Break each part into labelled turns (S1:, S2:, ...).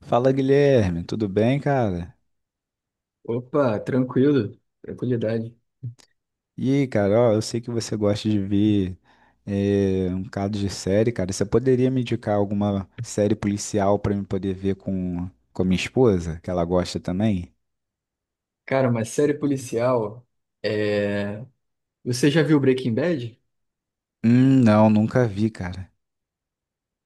S1: Fala Guilherme, tudo bem, cara?
S2: Opa, tranquilo, tranquilidade.
S1: E aí, cara, ó, eu sei que você gosta de ver um bocado de série, cara. Você poderia me indicar alguma série policial pra eu poder ver com a minha esposa, que ela gosta também?
S2: Cara, uma série policial. É... Você já viu Breaking Bad?
S1: Não, nunca vi, cara.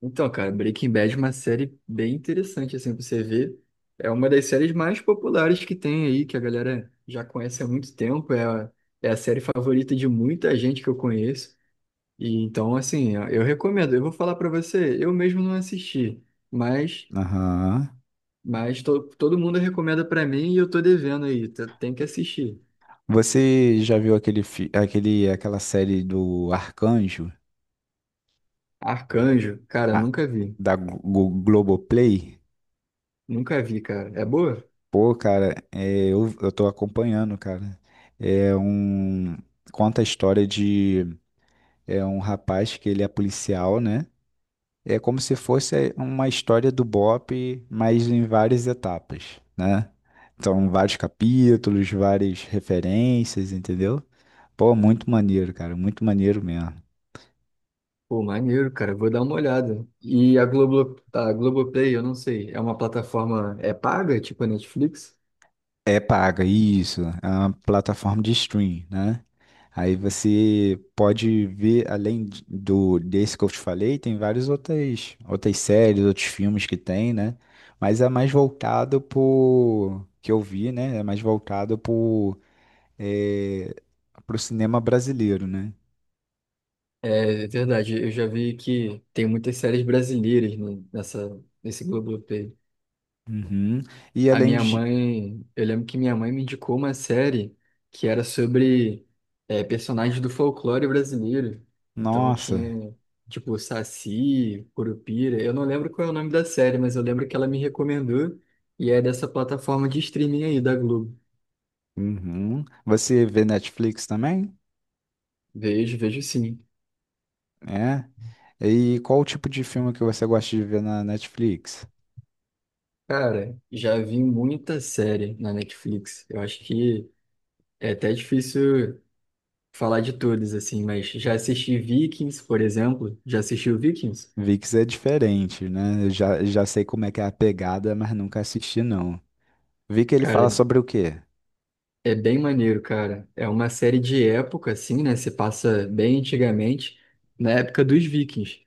S2: Então, cara, Breaking Bad é uma série bem interessante, assim, pra você ver. É uma das séries mais populares que tem aí, que a galera já conhece há muito tempo. É a série favorita de muita gente que eu conheço. E então, assim, eu recomendo. Eu vou falar pra você, eu mesmo não assisti, mas,
S1: Aham.
S2: mas todo mundo recomenda pra mim e eu tô devendo aí. Tem que assistir.
S1: Você já viu aquela série do Arcanjo,
S2: Arcanjo, cara,
S1: Ah,
S2: nunca vi.
S1: da Globoplay?
S2: Nunca vi, cara. É boa?
S1: Pô, cara, é, eu tô acompanhando, cara. É um. Conta a história de é um rapaz que ele é policial, né? É como se fosse uma história do BOP, mas em várias etapas, né? Então, vários capítulos, várias referências, entendeu? Pô, muito maneiro, cara, muito maneiro mesmo.
S2: Pô, maneiro, cara. Vou dar uma olhada. E a Globo, tá, a Globoplay, eu não sei. É uma plataforma, é paga, tipo a Netflix?
S1: É paga, isso. É uma plataforma de stream, né? Aí você pode ver, do desse que eu te falei, tem outras séries, outros filmes que tem, né? Mas é mais voltado pro que eu vi, né? É mais voltado é, pro cinema brasileiro, né?
S2: É, é verdade. Eu já vi que tem muitas séries brasileiras nessa, nesse Globoplay.
S1: Uhum. E
S2: A
S1: além
S2: minha
S1: de.
S2: mãe, eu lembro que minha mãe me indicou uma série que era sobre personagens do folclore brasileiro. Então
S1: Nossa!
S2: tinha, tipo, Saci, Curupira. Eu não lembro qual é o nome da série, mas eu lembro que ela me recomendou e é dessa plataforma de streaming aí da Globo.
S1: Uhum. Você vê Netflix também?
S2: Vejo, vejo sim.
S1: É. E qual o tipo de filme que você gosta de ver na Netflix?
S2: Cara, já vi muita série na Netflix. Eu acho que é até difícil falar de todas, assim, mas já assisti Vikings, por exemplo. Já assistiu Vikings?
S1: VIX é diferente, né? Já sei como é que é a pegada, mas nunca assisti, não. VIX ele
S2: Cara,
S1: fala sobre o quê?
S2: É bem maneiro, cara. É uma série de época, assim, né? Se passa bem antigamente, na época dos Vikings,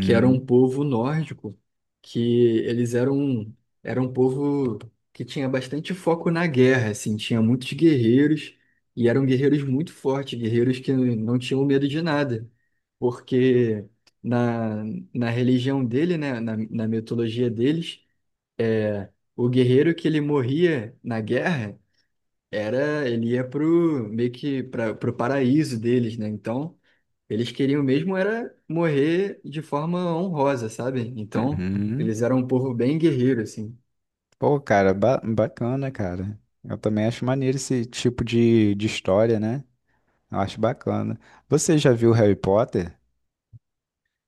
S2: que era um povo nórdico, que eles eram, era um povo que tinha bastante foco na guerra, assim, tinha muitos guerreiros, e eram guerreiros muito fortes, guerreiros que não tinham medo de nada, porque na, na religião dele, né? Na mitologia deles, o guerreiro que ele morria na guerra ele ia pro meio que para pro paraíso deles, né? Então, eles queriam mesmo era morrer de forma honrosa, sabe? Então,
S1: Uhum.
S2: eles eram um povo bem guerreiro assim.
S1: Pô, cara, bacana, cara. Eu também acho maneiro esse tipo de história, né? Eu acho bacana. Você já viu Harry Potter?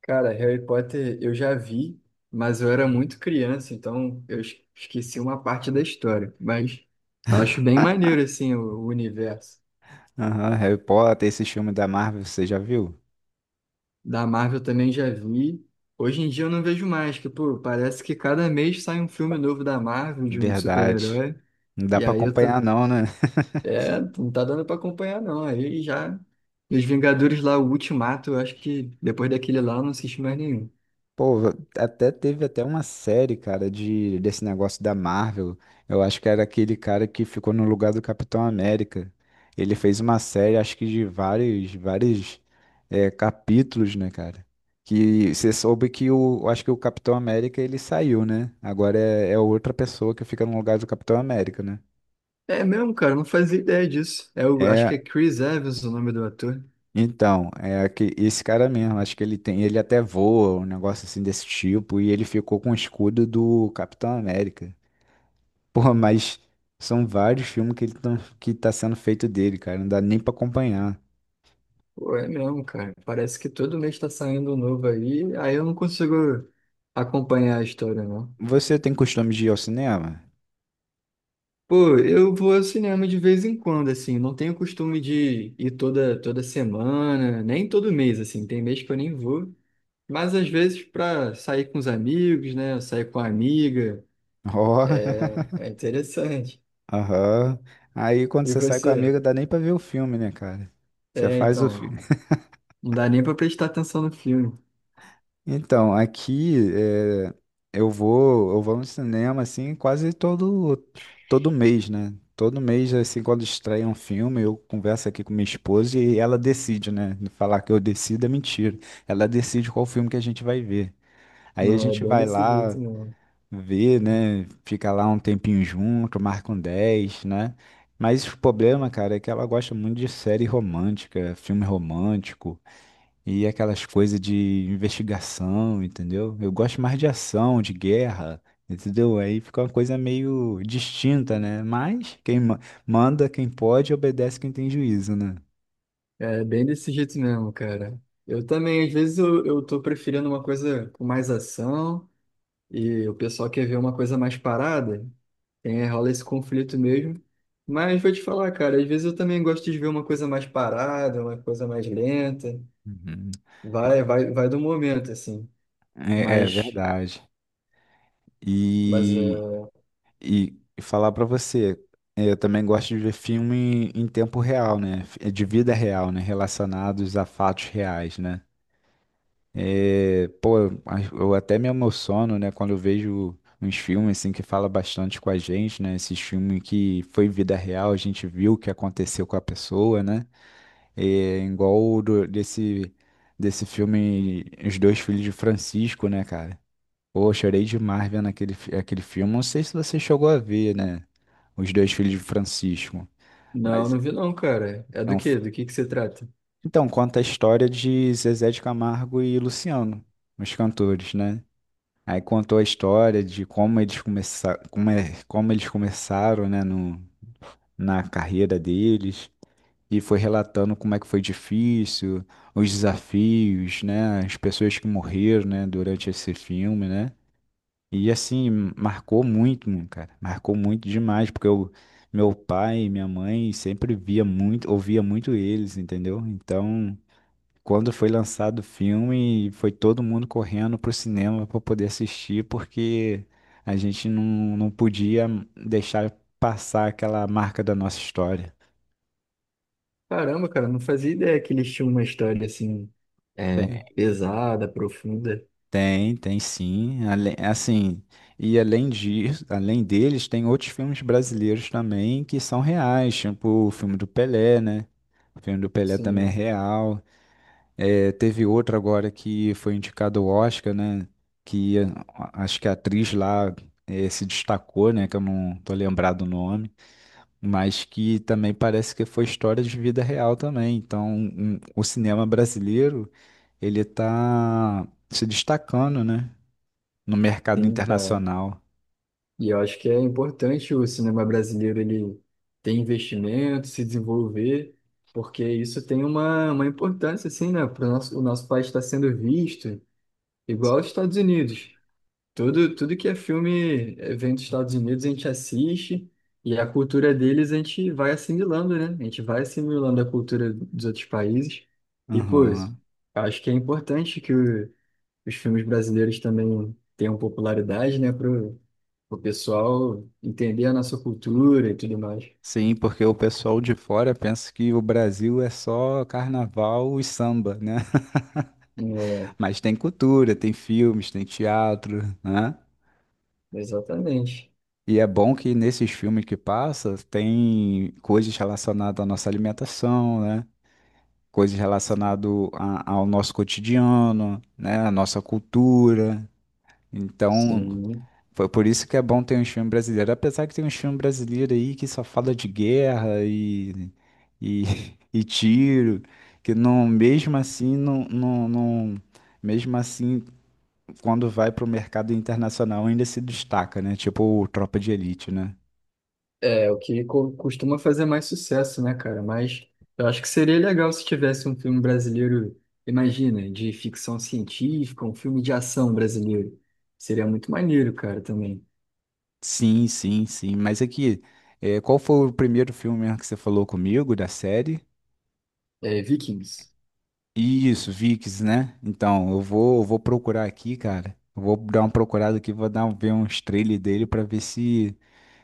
S2: Cara, Harry Potter eu já vi, mas eu era muito criança, então eu esqueci uma parte da história, mas eu acho bem maneiro assim o universo.
S1: Aham, Harry Potter, esse filme da Marvel, você já viu?
S2: Da Marvel também já vi. Hoje em dia eu não vejo mais, que pô, parece que cada mês sai um filme novo da Marvel de um
S1: Verdade.
S2: super-herói.
S1: Não dá
S2: E
S1: pra
S2: aí eu tô
S1: acompanhar, não, né?
S2: É, não tá dando pra acompanhar, não. Aí já. Os Vingadores lá, o Ultimato, eu acho que depois daquele lá eu não assisti mais nenhum.
S1: Pô, até teve até uma série, cara, de desse negócio da Marvel. Eu acho que era aquele cara que ficou no lugar do Capitão América. Ele fez uma série, acho que de vários capítulos, né, cara? Que você soube que o, eu acho que o Capitão América ele saiu, né? Agora é outra pessoa que fica no lugar do Capitão América, né?
S2: É mesmo, cara, não fazia ideia disso. É, o acho que é
S1: É,
S2: Chris Evans o nome do ator.
S1: então, é que esse cara mesmo, acho que ele tem, ele até voa, um negócio assim desse tipo, e ele ficou com o escudo do Capitão América. Porra, mas são vários filmes que tá sendo feito dele, cara. Não dá nem pra acompanhar.
S2: Pô, é mesmo, cara. Parece que todo mês tá saindo um novo aí, aí eu não consigo acompanhar a história, não.
S1: Você tem costume de ir ao cinema?
S2: Pô, eu vou ao cinema de vez em quando, assim, não tenho costume de ir toda, toda semana, nem todo mês, assim, tem mês que eu nem vou. Mas às vezes para sair com os amigos, né? Sair com a amiga,
S1: Ó,
S2: é interessante.
S1: aham. Aí quando
S2: E
S1: você sai com a
S2: você?
S1: amiga, dá nem pra ver o filme, né, cara? Você
S2: É,
S1: faz o
S2: então,
S1: filme.
S2: não dá nem para prestar atenção no filme.
S1: Então, eu vou no cinema assim quase todo mês, né? Todo mês assim quando estreia um filme, eu converso aqui com minha esposa e ela decide, né? Falar que eu decido é mentira. Ela decide qual filme que a gente vai ver. Aí a
S2: Não, é
S1: gente
S2: bem
S1: vai
S2: desse jeito
S1: lá
S2: mesmo.
S1: ver, né? Fica lá um tempinho junto, marca um 10, né? Mas o problema, cara, é que ela gosta muito de série romântica, filme romântico e aquelas coisas de investigação, entendeu? Eu gosto mais de ação, de guerra, entendeu? Aí fica uma coisa meio distinta, né? Mas manda, quem pode, obedece quem tem juízo, né?
S2: É bem desse jeito mesmo, cara. Eu também, às vezes, eu tô preferindo uma coisa com mais ação e o pessoal quer ver uma coisa mais parada. Tem, rola esse conflito mesmo. Mas vou te falar, cara, às vezes eu também gosto de ver uma coisa mais parada, uma coisa mais lenta.
S1: Uhum.
S2: Vai, vai, vai do momento, assim.
S1: É, é
S2: Mas,
S1: verdade.
S2: mas
S1: E falar pra você, é, eu também gosto de ver filme em tempo real, né? De vida real, né? Relacionados a fatos reais, né? É, pô, eu até me emociono, né? Quando eu vejo uns filmes assim que fala bastante com a gente, né? Esses filmes que foi vida real, a gente viu o que aconteceu com a pessoa, né? É, igual desse filme Os Dois Filhos de Francisco, né, cara? Pô, chorei demais vendo aquele filme. Não sei se você chegou a ver, né? Os dois filhos de Francisco.
S2: Não,
S1: Mas
S2: não vi não, cara. É
S1: é
S2: do
S1: um. fi-
S2: quê? Do que se trata?
S1: Então, conta a história de Zezé de Camargo e Luciano, os cantores, né? Aí contou a história de como eles começaram, como eles começaram, né, no, na carreira deles. E foi relatando como é que foi difícil, os desafios, né? As pessoas que morreram, né, durante esse filme, né? E assim, marcou muito, mano, cara. Marcou muito demais, porque eu, meu pai e minha mãe sempre via muito, ouvia muito eles, entendeu? Então, quando foi lançado o filme, foi todo mundo correndo pro cinema pra poder assistir, porque a gente não podia deixar passar aquela marca da nossa história.
S2: Caramba, cara, não fazia ideia que eles tinham uma história assim, é, pesada, profunda.
S1: Tem, tem sim. Assim, e além disso, além deles, tem outros filmes brasileiros também que são reais, tipo o filme do Pelé, né? O filme do Pelé também é
S2: Sim,
S1: real. É, teve outro agora que foi indicado ao Oscar, né? Que acho que a atriz lá se destacou, né? Que eu não tô lembrado o nome, mas que também parece que foi história de vida real também. Então, o cinema brasileiro, ele tá se destacando, né? No mercado
S2: sim, cara.
S1: internacional.
S2: E eu acho que é importante o cinema brasileiro ele ter investimento, se desenvolver, porque isso tem uma importância, assim, né? Pro nosso, o nosso país está sendo visto igual aos Estados Unidos. Tudo, tudo que é filme, vem dos Estados Unidos, a gente assiste e a cultura deles a gente vai assimilando, né? A gente vai assimilando a cultura dos outros países. E, pô,
S1: Aham.
S2: acho que é importante que os filmes brasileiros também tenham popularidade, né? Para o pessoal entender a nossa cultura e tudo mais.
S1: Sim, porque o pessoal de fora pensa que o Brasil é só carnaval e samba, né?
S2: É,
S1: Mas tem cultura, tem filmes, tem teatro, né?
S2: exatamente.
S1: E é bom que nesses filmes que passa tem coisas relacionadas à nossa alimentação, né? Coisas relacionadas ao nosso cotidiano, né? À nossa cultura. Então,
S2: Sim.
S1: foi por isso que é bom ter um filme brasileiro. Apesar que tem um filme brasileiro aí que só fala de guerra e e tiro, que não, mesmo assim, não, não, não- mesmo assim, quando vai pro mercado internacional ainda se destaca, né? Tipo o Tropa de Elite, né?
S2: É, o que costuma fazer mais sucesso, né, cara? Mas eu acho que seria legal se tivesse um filme brasileiro, imagina, de ficção científica, um filme de ação brasileiro. Seria muito maneiro, cara, também.
S1: Sim, sim, sim. Mas aqui, é, qual foi o primeiro filme mesmo que você falou comigo da série?
S2: É, Vikings.
S1: Isso, VIX, né? Então, eu vou procurar aqui, cara. Eu vou dar uma procurada aqui, ver uns trailers dele pra ver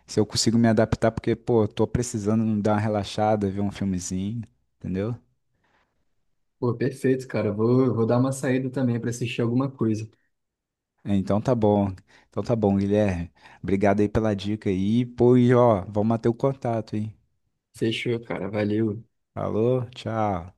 S1: se eu consigo me adaptar, porque, pô, eu tô precisando dar uma relaxada, ver um filmezinho, entendeu?
S2: Pô, perfeito, cara. Vou, vou dar uma saída também para assistir alguma coisa.
S1: Então tá bom. Então tá bom, Guilherme. Obrigado aí pela dica aí. Pô, e ó, vamos manter o contato, hein?
S2: Fechou, cara. Valeu.
S1: Falou, tchau.